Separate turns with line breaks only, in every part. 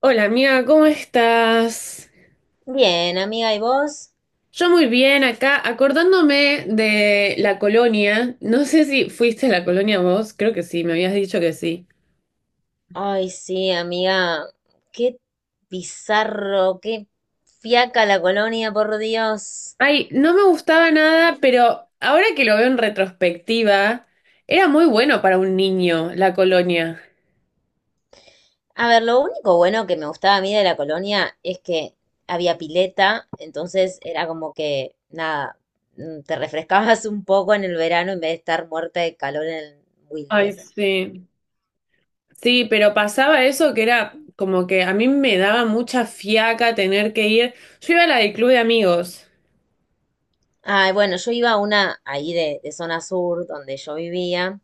Hola amiga, ¿cómo estás?
Bien, amiga, ¿y vos?
Yo muy bien acá, acordándome de la colonia. No sé si fuiste a la colonia vos, creo que sí, me habías dicho que sí.
Ay, sí, amiga, qué bizarro, qué fiaca la colonia, por Dios.
Ay, no me gustaba nada, pero ahora que lo veo en retrospectiva, era muy bueno para un niño la colonia.
A ver, lo único bueno que me gustaba a mí de la colonia es que había pileta, entonces era como que, nada, te refrescabas un poco en el verano en vez de estar muerta de calor en el
Ay,
Wilde.
sí. Sí, pero pasaba eso que era como que a mí me daba mucha fiaca tener que ir. Yo iba a la del club de amigos.
Ay, bueno, yo iba a una ahí de zona sur, donde yo vivía,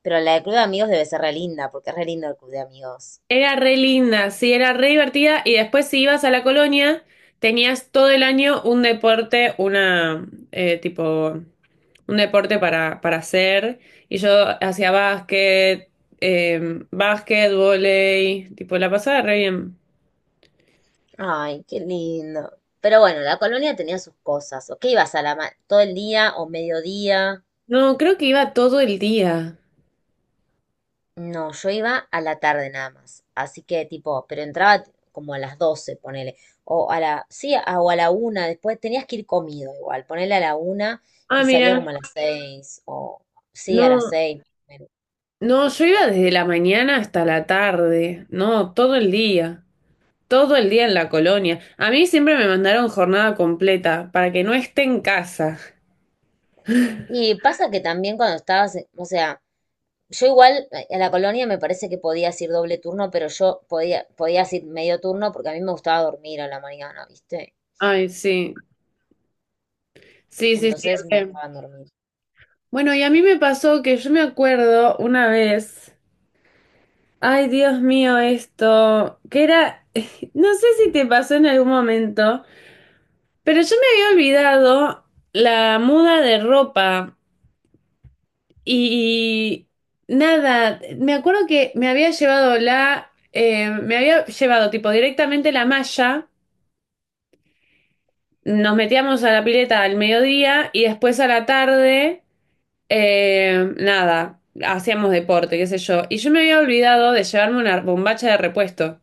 pero la de Club de Amigos debe ser re linda, porque es re lindo el Club de Amigos.
Era re linda, sí, era re divertida y después si ibas a la colonia tenías todo el año un deporte, una tipo un deporte para hacer y yo hacía básquet, básquet, vóley, tipo la pasaba re bien.
Ay, qué lindo. Pero bueno, la colonia tenía sus cosas. ¿O qué ibas a la todo el día o mediodía?
No, creo que iba todo el día.
No, yo iba a la tarde nada más. Así que tipo, pero entraba como a las 12, ponele. O a la, sí, o a la una, después tenías que ir comido igual, ponele a la una
Ah,
y salía
mira,
como a las seis, o sí, a las
no,
seis.
no, yo iba desde la mañana hasta la tarde, no, todo el día. Todo el día en la colonia. A mí siempre me mandaron jornada completa para que no esté en casa.
Y pasa que también cuando estabas, o sea, yo igual a la colonia me parece que podías ir doble turno, pero yo podía, podías ir medio turno porque a mí me gustaba dormir a la mañana, ¿viste?
Ay, sí. Sí, sí, sí.
Entonces me
Re.
dejaban dormir.
Bueno, y a mí me pasó que yo me acuerdo una vez. Ay, Dios mío, esto. Que era. No sé si te pasó en algún momento, pero yo me había olvidado la muda de ropa. Y. Nada. Me acuerdo que me había llevado la. Me había llevado, tipo, directamente la malla. Nos metíamos a la pileta al mediodía y después a la tarde, nada, hacíamos deporte, qué sé yo. Y yo me había olvidado de llevarme una bombacha de repuesto.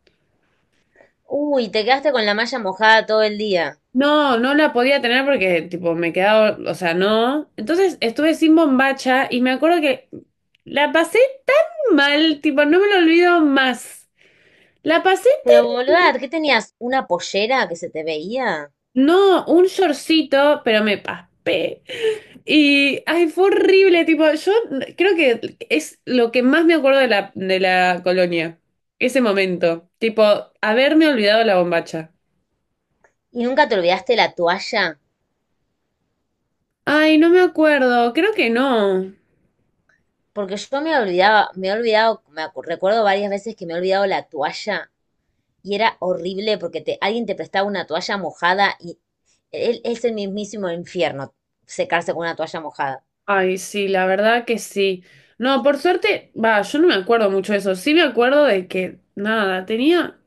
Uy, te quedaste con la malla mojada todo el día.
No, no la podía tener porque, tipo, me quedaba, o sea, no. Entonces estuve sin bombacha y me acuerdo que la pasé tan mal, tipo, no me lo olvido más. La pasé,
Pero
tan-
boluda, ¿qué tenías? ¿Una pollera que se te veía?
no, un shortcito, pero me paspé. Y, ay, fue
Ay,
horrible,
sí.
tipo, yo creo que es lo que más me acuerdo de la colonia, ese momento, tipo, haberme olvidado la bombacha.
¿Y nunca te olvidaste la toalla?
Ay, no me acuerdo, creo que no.
Porque yo me olvidaba, me he olvidado, recuerdo varias veces que me he olvidado la toalla. Y era horrible porque te, alguien te prestaba una toalla mojada y él, es el mismísimo infierno secarse con una toalla mojada.
Ay, sí, la verdad que sí. No, por suerte, va, yo no me acuerdo mucho de eso, sí me acuerdo de que, nada, tenía...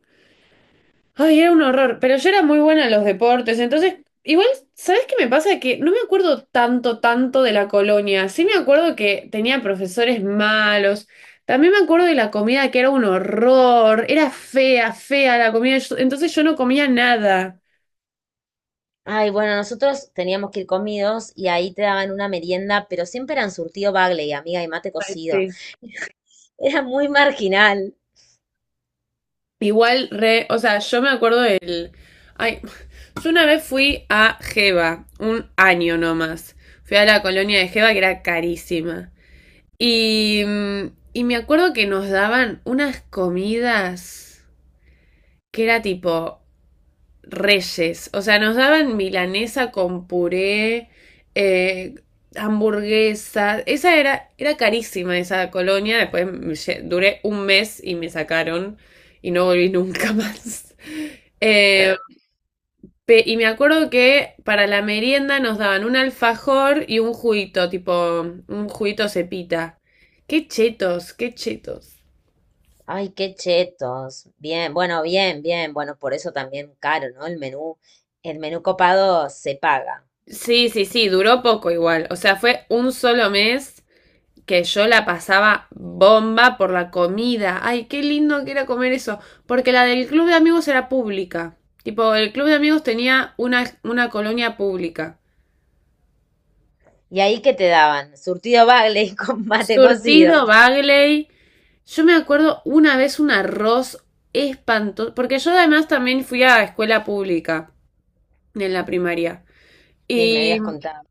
Ay, era un horror, pero yo era muy buena en los deportes, entonces, igual, ¿sabes qué me pasa? Que no me acuerdo tanto, tanto de la colonia, sí me acuerdo que tenía profesores malos, también me acuerdo de la comida que era un horror, era fea, fea la comida, entonces yo no comía nada.
Ay, bueno, nosotros teníamos que ir comidos y ahí te daban una merienda, pero siempre eran surtido bagley, amiga, y mate
Ay,
cocido.
sí.
Era muy marginal.
Igual, re, o sea, yo me acuerdo del... Ay, yo una vez fui a Geva, un año nomás, fui a la colonia de Geva que era carísima. Y, mm, y me acuerdo que nos daban unas comidas que era tipo reyes. O sea, nos daban milanesa con puré, eh, hamburguesas. Era carísima esa colonia. Después me duré un mes y me sacaron y no volví nunca más. Eh, Y me acuerdo que para la merienda nos daban un alfajor y un juguito, tipo un juguito cepita. Qué chetos, qué chetos.
Ay, qué chetos. Bien, bueno, bien, bien. Bueno, por eso también caro, ¿no? El menú copado se paga.
Sí, sí, sí, duró poco igual. O sea, fue un solo mes que yo la pasaba bomba por la comida. Ay, qué lindo que era comer eso. Porque la del club de amigos era pública. Tipo, el club de amigos tenía una colonia pública.
¿Y ahí qué te daban? Surtido bagley con mate cocido.
Surtido, Bagley. Yo me acuerdo una vez un arroz espantoso, porque yo además también fui a escuela pública en la primaria.
Sí, me
Y
habías contado.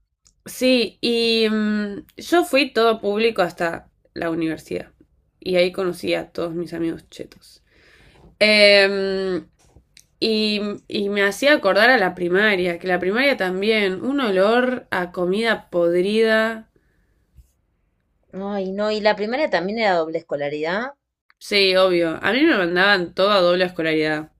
sí, yo fui todo público hasta la universidad. Y ahí conocí a todos mis amigos chetos. Em, y, y me hacía acordar a la primaria, que la primaria también, un olor a comida podrida.
Ay, no, y la primera también era doble escolaridad.
Sí, obvio. A mí me mandaban todo a doble escolaridad.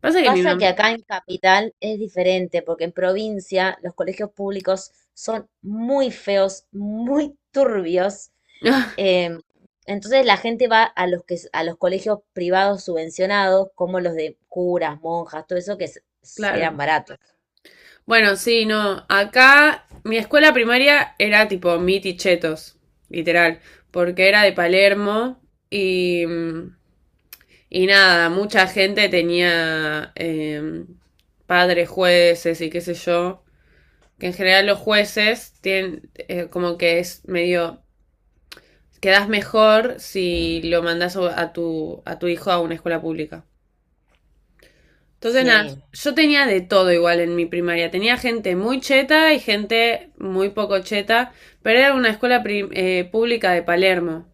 Pasa que mi
Pasa
mamá...
que acá en capital es diferente, porque en provincia los colegios públicos son muy feos, muy turbios. em, entonces la gente va a los que, a los colegios privados subvencionados, como los de curas, monjas, todo eso que eran
Claro.
baratos.
Bueno, sí, no. Acá mi escuela primaria era tipo mitichetos literal, porque era de Palermo y, y nada, mucha gente tenía padres jueces y qué sé yo, que en general los jueces tienen como que es medio, quedás mejor si lo mandás a tu hijo a una escuela pública. Entonces, nada,
Sí,
yo tenía de todo igual en mi primaria. Tenía gente muy cheta y gente muy poco cheta, pero era una pública de Palermo.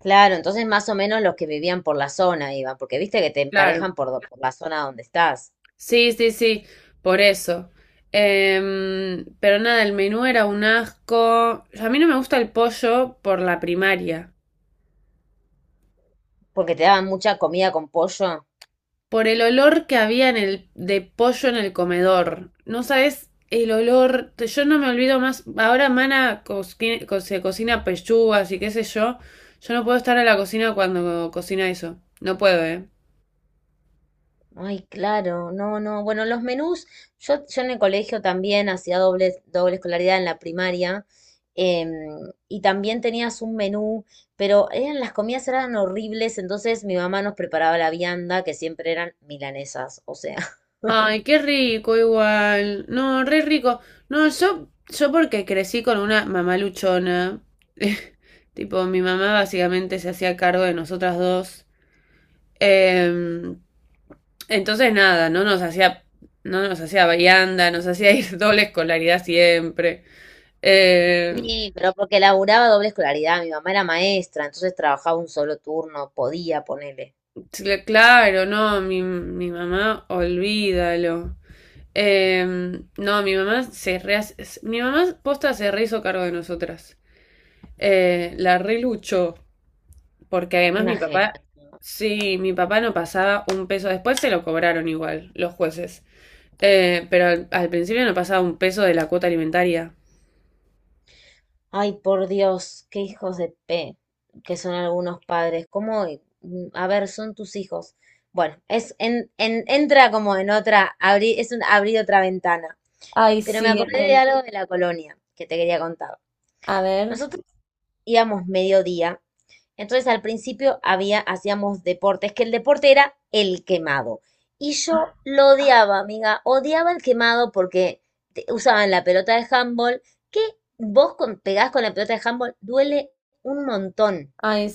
claro, entonces más o menos los que vivían por la zona iban, porque viste que te
Claro.
emparejan por, por la zona donde estás,
Sí, sí, sí, por eso. Em, pero nada, el menú era un asco. A mí no me gusta el pollo por la primaria.
porque te daban mucha comida con pollo.
Por el olor que había en el, de pollo en el comedor. No sabes el olor. Yo no me olvido más. Ahora Mana se cocina pechugas y qué sé yo. Yo no puedo estar a la cocina cuando cocina eso. No puedo, ¿eh?
Ay, claro, no, no. Bueno, los menús, yo en el colegio también hacía doble escolaridad en la primaria, em, y también tenías un menú, pero eran, las comidas eran horribles, entonces mi mamá nos preparaba la vianda, que siempre eran milanesas, o sea,
Ay, qué rico igual. No, re rico. No, yo porque crecí con una mamá luchona. Tipo, mi mamá básicamente se hacía cargo de nosotras dos. Em, Entonces nada, no nos hacía vianda, nos hacía ir doble escolaridad siempre. Eh,
y pero porque laburaba doble escolaridad, mi mamá era maestra, entonces trabajaba un solo turno, podía ponerle
claro, no, mi mamá, olvídalo. Eh, no, mi mamá posta se re hizo cargo de nosotras. La reluchó, porque además
una
mi
genia.
papá, sí, mi papá no pasaba un peso, después se lo cobraron igual los jueces. Pero al principio no pasaba un peso de la cuota alimentaria.
Ay, por Dios, qué hijos de P que son algunos padres. ¿Cómo? A ver, son tus hijos. Bueno, es entra como en otra, abrir, es un abrir otra ventana.
Ay,
Pero me
sí,
acordé de
re.
algo de la colonia que te quería contar.
A ver.
Nosotros íbamos mediodía entonces al principio había, hacíamos deportes, que el deporte era el quemado. Y yo lo odiaba, amiga, odiaba el quemado porque usaban la pelota de handball, que vos con, pegás con la pelota de handball, duele un montón.
Ay.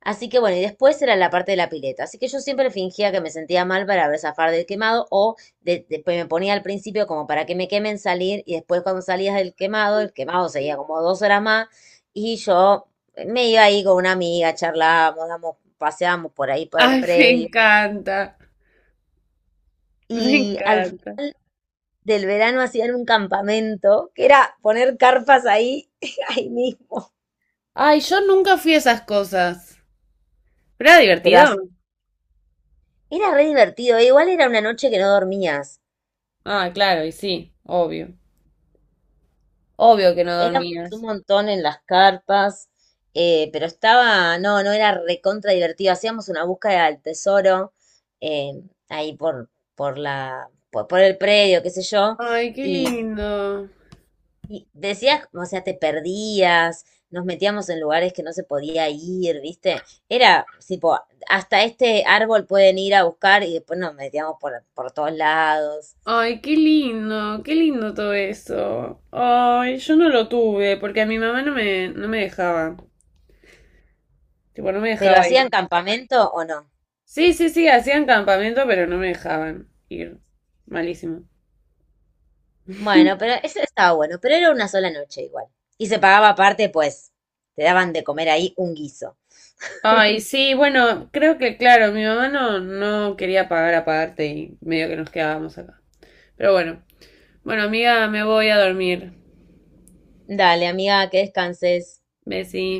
Así que bueno, y después era la parte de la pileta. Así que yo siempre fingía que me sentía mal para ver zafar del quemado o después me ponía al principio como para que me quemen salir y después cuando salías del quemado, el quemado seguía como dos horas más y yo me iba ahí con una amiga, charlábamos, damos, paseábamos por ahí, por el
Ay, me
predio.
encanta, me
Y al
encanta.
final del verano hacían un campamento que era poner carpas ahí, ahí mismo.
Ay, yo nunca fui a esas cosas. ¿Pero era
Pero
divertido?
así, era re divertido. E igual era una noche que no dormías.
Ah, claro, y sí, obvio. Obvio que no
Éramos un
dormías.
montón en las carpas, pero estaba, no, no era recontra divertido. Hacíamos una búsqueda del tesoro, eh, ahí por la, por el predio, qué sé yo,
Ay, qué
y,
lindo.
y decías, o sea, te perdías, nos metíamos en lugares que no se podía ir, ¿viste? Era tipo, hasta este árbol pueden ir a buscar y después nos metíamos por todos lados.
Ay, qué lindo todo eso. Ay, yo no lo tuve porque a mi mamá no me dejaba. Tipo, no me
¿Pero
dejaba ir.
hacían campamento o no?
Sí, sí, sí, hacían campamento, pero no me dejaban ir. Malísimo.
Bueno, pero eso estaba bueno, pero era una sola noche igual. Y se pagaba aparte, pues, te daban de comer ahí un guiso.
Ay, sí, bueno, creo que claro, mi mamá no quería pagar aparte y medio que nos quedábamos acá. Pero bueno, bueno, amiga, me voy a dormir.
Dale, amiga, que descanses.
Besí